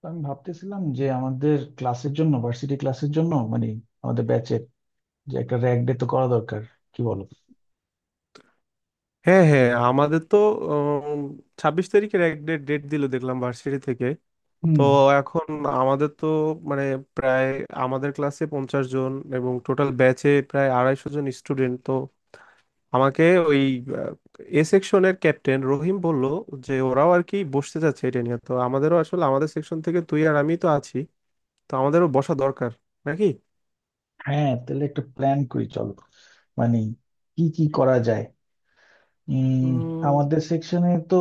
তো আমি ভাবতেছিলাম যে আমাদের ক্লাসের জন্য ভার্সিটি ক্লাসের জন্য মানে আমাদের ব্যাচের যে একটা র্যাগ ডে তো করা দরকার, কি বলো? হ্যাঁ হ্যাঁ আমাদের তো 26 তারিখের এক ডেট ডেট দিল দেখলাম ভার্সিটি থেকে। তো হুম। এখন আমাদের তো মানে প্রায়, আমাদের ক্লাসে 50 জন এবং টোটাল ব্যাচে প্রায় 250 জন স্টুডেন্ট। তো আমাকে ওই এ সেকশনের ক্যাপ্টেন রহিম বলল যে ওরাও আর কি বসতে যাচ্ছে এটা নিয়ে, তো আমাদেরও আসলে, আমাদের সেকশন থেকে তুই আর আমি তো আছি, তো আমাদেরও বসা দরকার নাকি। হ্যাঁ, তাহলে একটা প্ল্যান করি চলো। মানে কি কি করা যায়? উম উম, আমাদের সেকশনে তো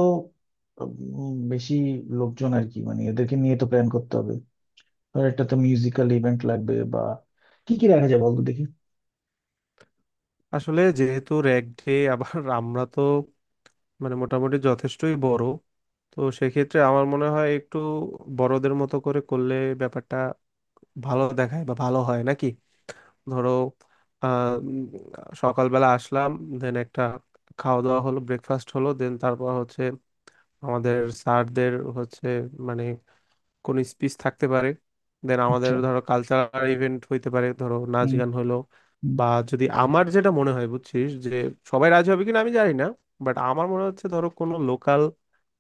বেশি লোকজন আর কি, মানে এদেরকে নিয়ে তো প্ল্যান করতে হবে। ধর একটা তো মিউজিক্যাল ইভেন্ট লাগবে, বা কি কি রাখা যায় বলতো দেখি। আসলে যেহেতু র্যাগ ডে, আবার আমরা তো মানে মোটামুটি যথেষ্টই বড়, তো সেক্ষেত্রে আমার মনে হয় একটু বড়দের মতো করে করলে ব্যাপারটা ভালো দেখায় বা ভালো হয় নাকি। ধরো আহ, উম, সকালবেলা আসলাম, দেন একটা খাওয়া দাওয়া হলো, ব্রেকফাস্ট হলো, দেন তারপর হচ্ছে আমাদের স্যারদের হচ্ছে মানে কোন স্পিচ থাকতে পারে, দেন আমাদের আচ্ছা। ধরো কালচারাল ইভেন্ট হইতে পারে, ধরো নাচ হুম। গান হলো। হুম বা, যদি আমার যেটা মনে হয় বুঝছিস, যে সবাই রাজি হবে কিনা আমি জানি না, বাট আমার মনে হচ্ছে ধরো কোনো লোকাল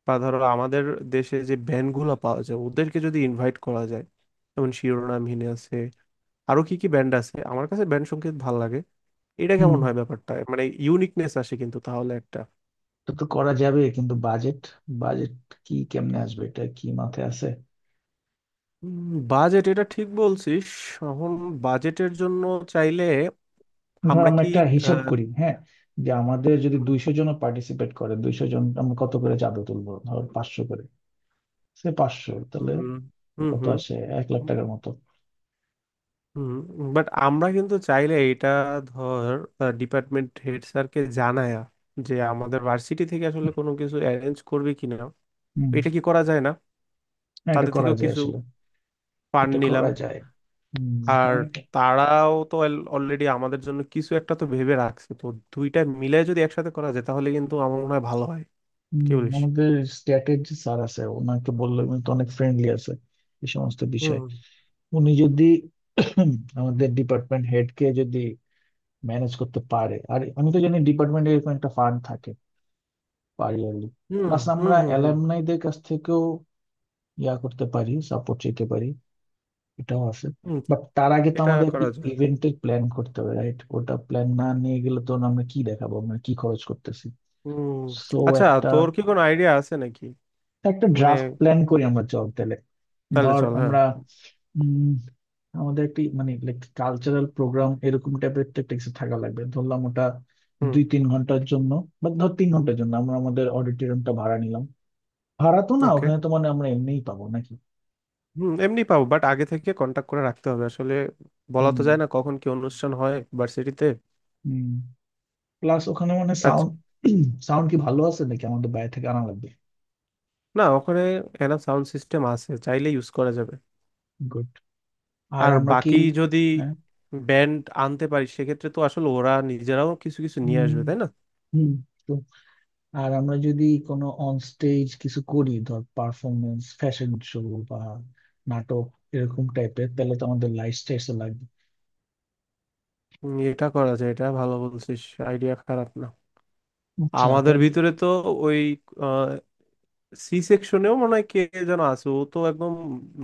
বা ধরো আমাদের দেশে যে ব্যান্ড গুলো পাওয়া যায় ওদেরকে যদি ইনভাইট করা যায়, যেমন শিরোনামহীন আছে, আরো কি কি ব্যান্ড আছে, আমার কাছে ব্যান্ড সংগীত ভাল লাগে। এটা হুম। কেমন হয় ব্যাপারটা, মানে ইউনিকনেস আসে কিন্তু তাহলে একটা। তো তো করা যাবে, কিন্তু বাজেট, বাজেট কি কেমনে আসবে, এটা কি মাথায় আছে? বাজেট, এটা ঠিক বলছিস। এখন বাজেটের জন্য চাইলে ধর আমরা আমরা কি, একটা হিসাব আহ, করি, হ্যাঁ, যে আমাদের যদি 200 জন পার্টিসিপেট করে, 200 জন আমরা কত করে চাঁদা তুলবো, ধর 500 করে। সে 500 তাহলে হুম হুম কত হুম আসে? 1,00,000 টাকার মতো। হুম। বাট আমরা কিন্তু চাইলে এটা, ধর, ডিপার্টমেন্ট হেড স্যারকে জানায়া যে আমাদের ভার্সিটি থেকে আসলে কোনো কিছু অ্যারেঞ্জ করবে কিনা, হম। এটা কি করা যায় না? হ্যাঁ এটা তাদের করা থেকেও যায় কিছু আসলে। ফান্ড এটা নিলাম। করা যায়। হম। আর, তোমার কি- তারাও তো অলরেডি আমাদের জন্য কিছু একটা তো ভেবে রাখছে, তো দুইটা মিলে যদি একসাথে করা যায় তাহলে কিন্তু আমার মনে হয় ভালো হয়, হুম, কি বলিস? আমাদের স্ট্যাটের যে স্যার আছে ওনাকে বললে উনি তো অনেক ফ্রেন্ডলি আছে এই সমস্ত বিষয়। হুম উনি যদি আমাদের ডিপার্টমেন্ট হেড কে যদি ম্যানেজ করতে পারে, আর আমি তো জানি ডিপার্টমেন্টে এরকম একটা ফান্ড থাকে, পারি আর কি। হুম প্লাস হুম আমরা হুম হুম অ্যালামনাইদের কাছ থেকেও ইয়া করতে পারি, সাপোর্ট চাইতে পারি, এটাও আছে। হুম, বাট তার আগে তো এটা আমাদের একটা করা যায়। ইভেন্টের প্ল্যান করতে হবে, রাইট? ওটা প্ল্যান না নিয়ে গেলে তো আমরা কি দেখাবো, আমরা কি খরচ করতেছি। হুম। সো আচ্ছা। একটা তোর কি কোনো আইডিয়া আছে নাকি? একটা মানে, ড্রাফট প্ল্যান করি আমরা, চল তাহলে। তাহলে ধর চল হ্যাঁ। আমরা উম, আমাদের একটি মানে লাইক কালচারাল প্রোগ্রাম এরকম টাইপের তো একটা কিছু থাকা লাগবে, ধরলাম ওটা হুম। 2-3 ঘন্টার জন্য, বা ধর 3 ঘন্টার জন্য আমরা আমাদের অডিটোরিয়ামটা ভাড়া নিলাম। ভাড়া তো না, ওকে। ওখানে তো মানে আমরা এমনিই পাবো নাকি। হুম এমনি পাবো, বাট আগে থেকে কন্টাক্ট করে রাখতে হবে আসলে, বলা হুম। তো যায় না কখন কি অনুষ্ঠান হয় ভার্সিটিতে। হুম প্লাস ওখানে মানে সাউন্ড, সাউন্ড কি ভালো আছে নাকি আমাদের বাইরে থেকে আনা লাগবে? না, ওখানে এনা সাউন্ড সিস্টেম আছে, চাইলে ইউজ করা যাবে। গুড। আর আর আমরা কি, বাকি যদি হ্যাঁ। ব্যান্ড আনতে পারি সেক্ষেত্রে তো আসলে ওরা নিজেরাও কিছু কিছু হুম নিয়ে আসবে, তাই না? হুম। তো আর আমরা যদি কোনো অন স্টেজ কিছু করি, ধর পারফরমেন্স, ফ্যাশন শো, বা নাটক এরকম টাইপের, তাহলে তো আমাদের লাইট স্টেজ লাগবে। এটা করা যায়, এটা ভালো বলছিস, আইডিয়া খারাপ না। আচ্ছা আমাদের তাইলে। ভিতরে তো ওই সি সেকশনেও মনে হয় কে যেন আছে, ও তো একদম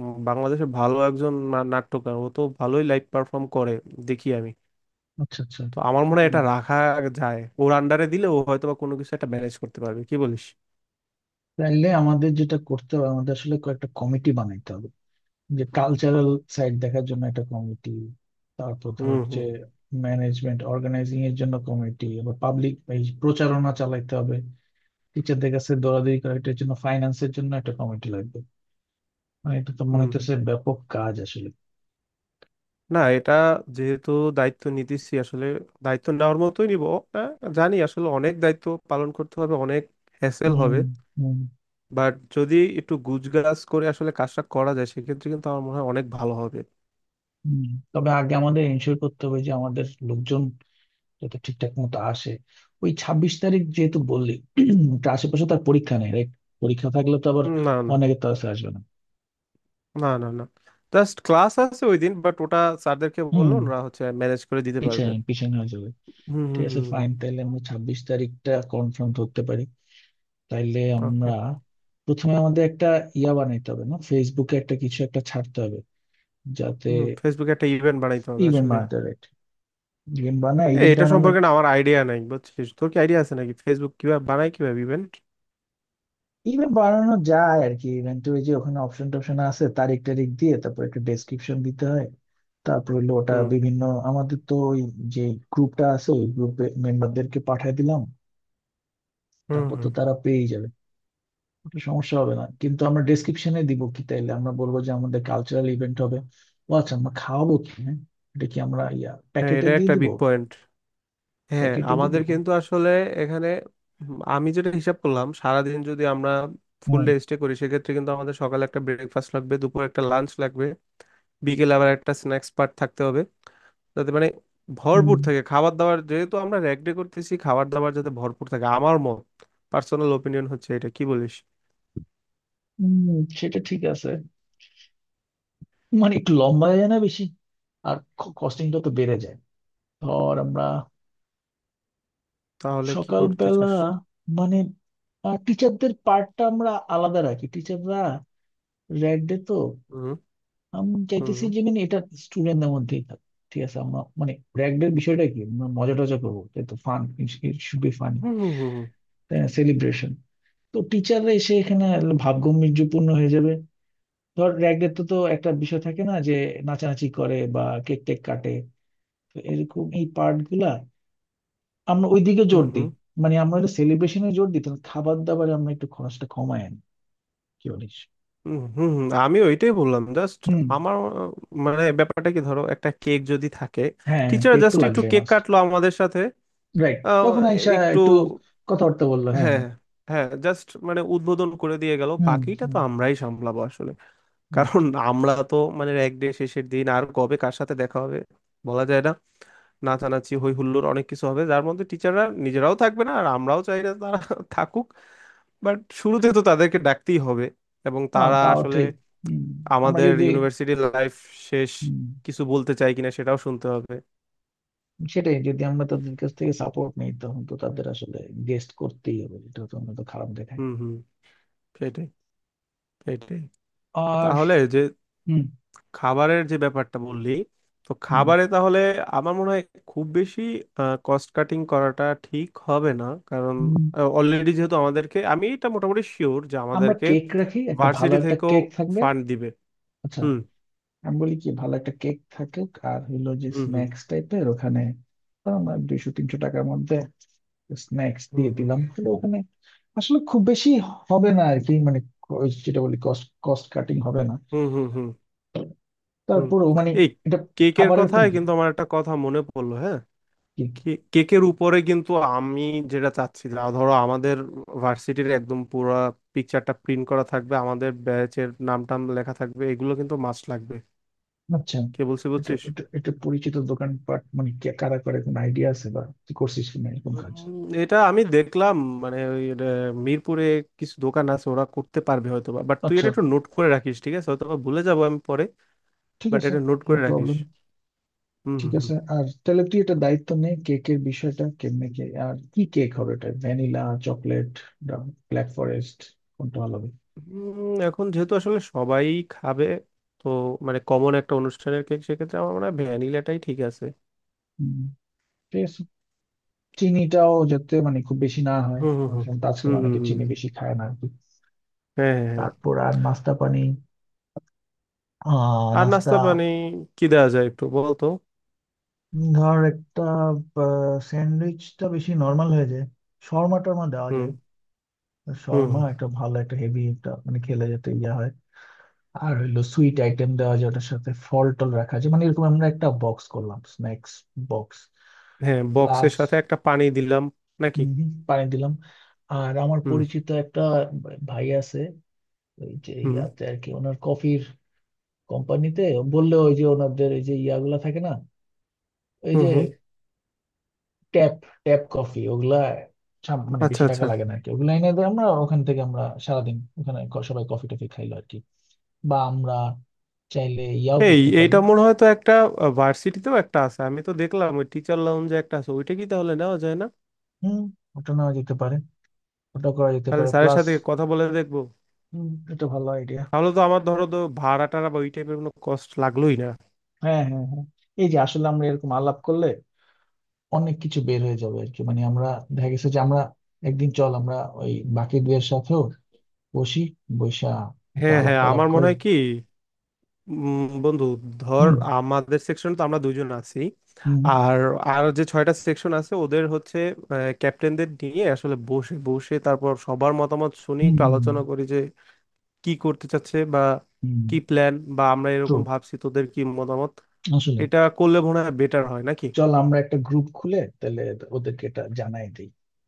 বাংলাদেশের ভালো একজন নাট্যকার, ও তো ভালোই লাইভ পারফর্ম করে, দেখি আমি। আচ্ছা আচ্ছা। তো আমার মনে হয় হুম, এটা রাখা যায়, ওর আন্ডারে দিলে ও হয়তো বা কোনো কিছু একটা ম্যানেজ করতে পারবে, কি বলিস? তাইলে আমাদের যেটা করতে হবে, আমাদের আসলে কয়েকটা কমিটি বানাইতে হবে। যে কালচারাল সাইড দেখার জন্য একটা কমিটি, তারপর হুম ধর যে হুম ম্যানেজমেন্ট অর্গানাইজিং এর জন্য কমিটি, আবার পাবলিক এই প্রচারণা চালাইতে হবে, টিচারদের কাছে দৌড়াদৌড়ি করা, এটার জন্য ফাইন্যান্সের জন্য একটা কমিটি লাগবে। মানে এটা তো মনে হুম। হচ্ছে ব্যাপক কাজ আসলে। না, এটা যেহেতু দায়িত্ব নিতেছি আসলে, দায়িত্ব নেওয়ার মতোই নিব। আহ, জানি আসলে অনেক দায়িত্ব পালন করতে হবে, অনেক হ্যাসেল হুম হবে, হুম বাট যদি একটু গুজগাজ করে আসলে কাজটা করা যায় সেক্ষেত্রে কিন্তু আমার মনে হয় অনেক ভালো হবে। হুম। তবে আগে আমাদের এনশিওর করতে হবে যে আমাদের লোকজন যাতে ঠিকঠাক মতো আসে। ওই 26 তারিখ যেহেতু বললি, ওটা আশেপাশে তার পরীক্ষা নেই রাইট? পরীক্ষা থাকলে তো আবার না না অনেকে তো আসবে না। না, না না, জাস্ট ক্লাস আছে ওই দিন, বাট ওটা স্যারদেরকে বললো হুম। ওরা হচ্ছে ম্যানেজ করে দিতে পারবে। পিছায় পিছায় হয়ে যাবে। হুম হুম ঠিক আছে, হুম। ফাইন তাহলে আমরা 26 তারিখটা কনফার্ম করতে পারি। তাইলে ওকে। আমরা প্রথমে আমাদের একটা ইয়া বানাইতে হবে না, ফেসবুকে একটা কিছু একটা ছাড়তে হবে যাতে। হুম, ফেসবুকে একটা ইভেন্ট বানাইতে হবে ইভেন্ট আসলে। বানাতে হবে, ইভেন্ট বানায় এ, ইভেন্ট এটা আমরা, সম্পর্কে না আমার আইডিয়া নাই বুঝছিস, তোর কি আইডিয়া আছে নাকি ফেসবুক কিভাবে বানায় কিভাবে ইভেন্ট? ইভেন্ট বানানো যায় আর কি। ইভেন্টের ওই যে ওখানে অপশন টপশন আছে, তারিখ টারিখ দিয়ে তারপর একটা ডেসক্রিপশন দিতে হয়। তারপর হলো ওটা হুম বিভিন্ন, আমাদের তো ওই যে গ্রুপটা আছে, ওই গ্রুপে মেম্বারদেরকে পাঠিয়ে দিলাম, হুম তারপর তো হুম। তারা পেয়ে যাবে। ওটা সমস্যা হবে না, কিন্তু আমরা ডেসক্রিপশনে দিব কি, তাইলে আমরা বলবো যে আমাদের কালচারাল ইভেন্ট হবে। ও আচ্ছা, আমরা খাওয়াবো কি, হ্যাঁ? এটা কি আমরা ইয়া হ্যাঁ প্যাকেটে এটা দিয়ে একটা দিব, বিগ পয়েন্ট। হ্যাঁ প্যাকেটে দিয়ে আমাদের দিব? কিন্তু আসলে এখানে, উম, আমি যেটা হিসাব করলাম সারাদিন যদি আমরা ফুল হুম ডে স্টে করি সেক্ষেত্রে কিন্তু আমাদের সকালে একটা ব্রেকফাস্ট লাগবে, দুপুরে একটা লাঞ্চ লাগবে, বিকেলে আবার একটা স্ন্যাক্স পার্ট থাকতে হবে যাতে মানে হুম ভরপুর থাকে খাবার দাবার, যেহেতু আমরা র্যাগ ডে করতেছি খাবার দাবার যাতে ভরপুর থাকে, আমার মত পার্সোনাল ওপিনিয়ন হচ্ছে এটা, কি বলিস? হুম, সেটা ঠিক আছে। মানে একটু লম্বা হয়ে যায় না বেশি? আর কস্টিংটা তো বেড়ে যায়। ধর আমরা তাহলে কি করতে সকালবেলা, চাস? মানে টিচারদের পার্টটা আমরা আলাদা রাখি, টিচাররা র্যাড ডে তো, হুম আমি হুম চাইতেছি হুম যে মানে এটা স্টুডেন্টদের মধ্যেই থাক। ঠিক আছে, আমরা মানে র্যাগডের বিষয়টা কি, আমরা মজা টজা করবো, তাই তো, ফান, শুড বি ফানি। হুম হুম হুম তাই না, সেলিব্রেশন। তো টিচাররা এসে এখানে ভাবগম্ভীর্যপূর্ণ হয়ে যাবে। ধর র্যাগডের তো তো একটা বিষয় থাকে না যে নাচানাচি করে বা কেক টেক কাটে, তো এরকম এই পার্ট গুলা আমরা ওইদিকে হুম জোর দিই। হুম মানে আমরা সেলিব্রেশনে জোর দিই, তাহলে খাবার দাবারে আমরা একটু খরচটা কমায় আনি, কি বলিস? হুম হুম হুম, আমি ওইটাই বললাম জাস্ট। হুম। আমার, আহ, মানে ব্যাপারটা কি, ধরো একটা কেক যদি থাকে, হ্যাঁ টিচার কেক তো জাস্ট একটু লাগবে কেক মাস্ট। কাটলো আমাদের সাথে। রাইট, আহ, তখন আইসা একটু একটু কথাবার্তা বললো, হ্যাঁ হ্যাঁ হ্যাঁ। হ্যাঁ, জাস্ট মানে উদ্বোধন করে দিয়ে গেল, হুম। বাকিটা হুম তো আমরাই সামলাবো আসলে। কারণ right. আমরা তো মানে এক ডে শেষের দিন, আর কবে কার সাথে দেখা হবে বলা যায় না, নাচানাচি হই হুল্লোড় অনেক কিছু হবে যার মধ্যে টিচাররা নিজেরাও থাকবে না, আর আমরাও চাই না তারা থাকুক। বাট শুরুতে তো তাদেরকে ডাকতেই হবে, এবং হ্যাঁ তারা তাও আসলে ঠিক। হুম, আমরা আমাদের যদি, ইউনিভার্সিটি লাইফ শেষ হুম, কিছু বলতে চাই কিনা সেটাও শুনতে হবে। সেটাই, যদি আমরা তাদের কাছ থেকে সাপোর্ট নিই তখন তো তাদের আসলে গেস্ট করতেই হবে, এটা তো আমরা তো খারাপ দেখায়। হুম হুম। সেটাই, সেটাই। আর তাহলে যে হুম খাবারের যে ব্যাপারটা বললি, তো হুম খাবারে তাহলে আমার মনে হয় খুব বেশি কস্ট কাটিং করাটা ঠিক হবে না, কারণ হুম, অলরেডি যেহেতু আমাদেরকে, আমি এটা মোটামুটি শিওর যে আমরা আমাদেরকে কেক রাখি, একটা ভালো ভার্সিটি একটা থেকেও কেক থাকবে। ফান্ড দিবে। আচ্ছা, হুম আমি বলি কি, ভালো একটা কেক থাকুক, আর হইলো যে হুম হুম স্ন্যাক্স টাইপের ওখানে, তো আমরা 200-300 টাকার মধ্যে স্ন্যাক্স হুম দিয়ে হুম দিলাম তাহলে, ওখানে আসলে খুব বেশি হবে না আর কি, মানে যেটা বলি কস্ট কস্ট কাটিং হবে না। হুম হুম হুম হুম। তারপরেও মানে এই এটা কেকের খাবারের তো- কথায় কিন্তু আমার একটা কথা মনে পড়লো, হ্যাঁ, কি? কেকের উপরে কিন্তু আমি যেটা চাচ্ছি যা ধরো আমাদের ভার্সিটির একদম পুরো পিকচারটা প্রিন্ট করা থাকবে, আমাদের ব্যাচের নাম টাম লেখা থাকবে, এগুলো কিন্তু মাস্ট লাগবে, আচ্ছা, কে বলছি এটা বুঝছিস? এটা এটা পরিচিত দোকানপাট মানে কে কারা করে কোনো আইডিয়া আছে বা কি করছিস কিনা এরকম উম, কাজ? এটা আমি দেখলাম, মানে ওই মিরপুরে কিছু দোকান আছে ওরা করতে পারবে হয়তো বা, বাট তুই আচ্ছা, এটা একটু নোট করে রাখিস ঠিক আছে, হয়তো বা ভুলে যাবো আমি পরে। ঠিক বাট আছে। এটা নোট নো করে রাখিস। প্রবলেম। হুম ঠিক হুম হুম। আছে, আর তাহলে তুই এটা দায়িত্ব নে কেকের বিষয়টা, কেমনে কে আর কি কেক হবে, এটা ভ্যানিলা, চকলেট, ব্ল্যাক ফরেস্ট, কোনটা ভালো হবে। এখন যেহেতু আসলে সবাই খাবে, তো মানে কমন একটা অনুষ্ঠানের কেক, সেক্ষেত্রে আমার মনে হয় ভ্যানিলাটাই ঠিক আছে। হুম, ঠিক আছে। চিনিটাও যাতে মানে খুব বেশি না হয়, হুম হুম হুম কারণ আজকাল হুম হুম অনেকে হুম, চিনি হুম। বেশি খায় না আর কি। হ্যাঁ হ্যাঁ হ্যাঁ। তারপর আর নাস্তা পানি, আর নাস্তা। নাস্তা পানি কি দেওয়া যায় একটু বলতো। ধর একটা স্যান্ডউইচটা বেশি নর্মাল হয়ে যায়, শর্মা টর্মা দেওয়া হুম যায়। তো হুম শর্মা হুম। একটা ভালো, একটা হেভি একটা মানে খেলে যেতে ইয়ে হয়। আর হইলো সুইট আইটেম দেওয়া যায় ওটার সাথে, ফল টল রাখা আছে, মানে এরকম আমরা একটা বক্স করলাম, স্ন্যাক্স বক্স হ্যাঁ বক্সের প্লাস সাথে একটা পানি দিলাম নাকি? পানি দিলাম। আর আমার হুম পরিচিত একটা ভাই আছে ওই যে হুম ইয়াতে আর কি, ওনার কফির কোম্পানিতে, বললে ওই যে ওনাদের ওই যে ইয়াগুলা থাকে না, ওই হুম যে হুম। ট্যাপ, ট্যাপ কফি, ওগুলা মানে আচ্ছা বেশি টাকা আচ্ছা। লাগে না আর কি, ওগুলা এনে দেয়, আমরা ওখান থেকে আমরা সারাদিন ওখানে সবাই কফি টফি খাইলো আর কি। বা আমরা চাইলে ইয়াও এই করতে পারি। এইটা মনে হয় তো একটা, ভার্সিটিতেও একটা আছে, আমি তো দেখলাম ওই টিচার লাউঞ্জে একটা আছে, ওইটা কি তাহলে নেওয়া যায় না? হুম, ওটা নেওয়া যেতে পারে, ওটা করা যেতে তাহলে পারে স্যারের প্লাস। সাথে কথা বলে দেখবো। হুম, এটা ভালো আইডিয়া। তাহলে তো আমার ধরো তো ভাড়া টাড়া বা ওই টাইপের কোনো কষ্ট লাগলোই না। হ্যাঁ হ্যাঁ হ্যাঁ। এই যে আসলে আমরা এরকম আলাপ করলে অনেক কিছু বের হয়ে যাবে আর কি, মানে আমরা দেখা গেছে যে আমরা একদিন চল আমরা ওই বাকি দুয়ের সাথেও বসি, বৈশা একটা হ্যাঁ আলাপ হ্যাঁ টালাপ আমার মনে করে। হয় কি, বন্ধু ধর হুম আমাদের সেকশন তো আমরা দুজন আছি, হুম আর, আর যে ছয়টা সেকশন আছে ওদের হচ্ছে ক্যাপ্টেনদের নিয়ে আসলে বসে বসে তারপর সবার মতামত শুনি হুম একটু আলোচনা করি যে কি করতে চাচ্ছে বা হুম কি প্ল্যান, বা আমরা ট্রু, এরকম ভাবছি তোদের কি মতামত, আসলে এটা করলে মনে হয় বেটার হয় নাকি? চল আমরা একটা গ্রুপ খুলে তাহলে, ওদেরকে এটা জানাই দিই।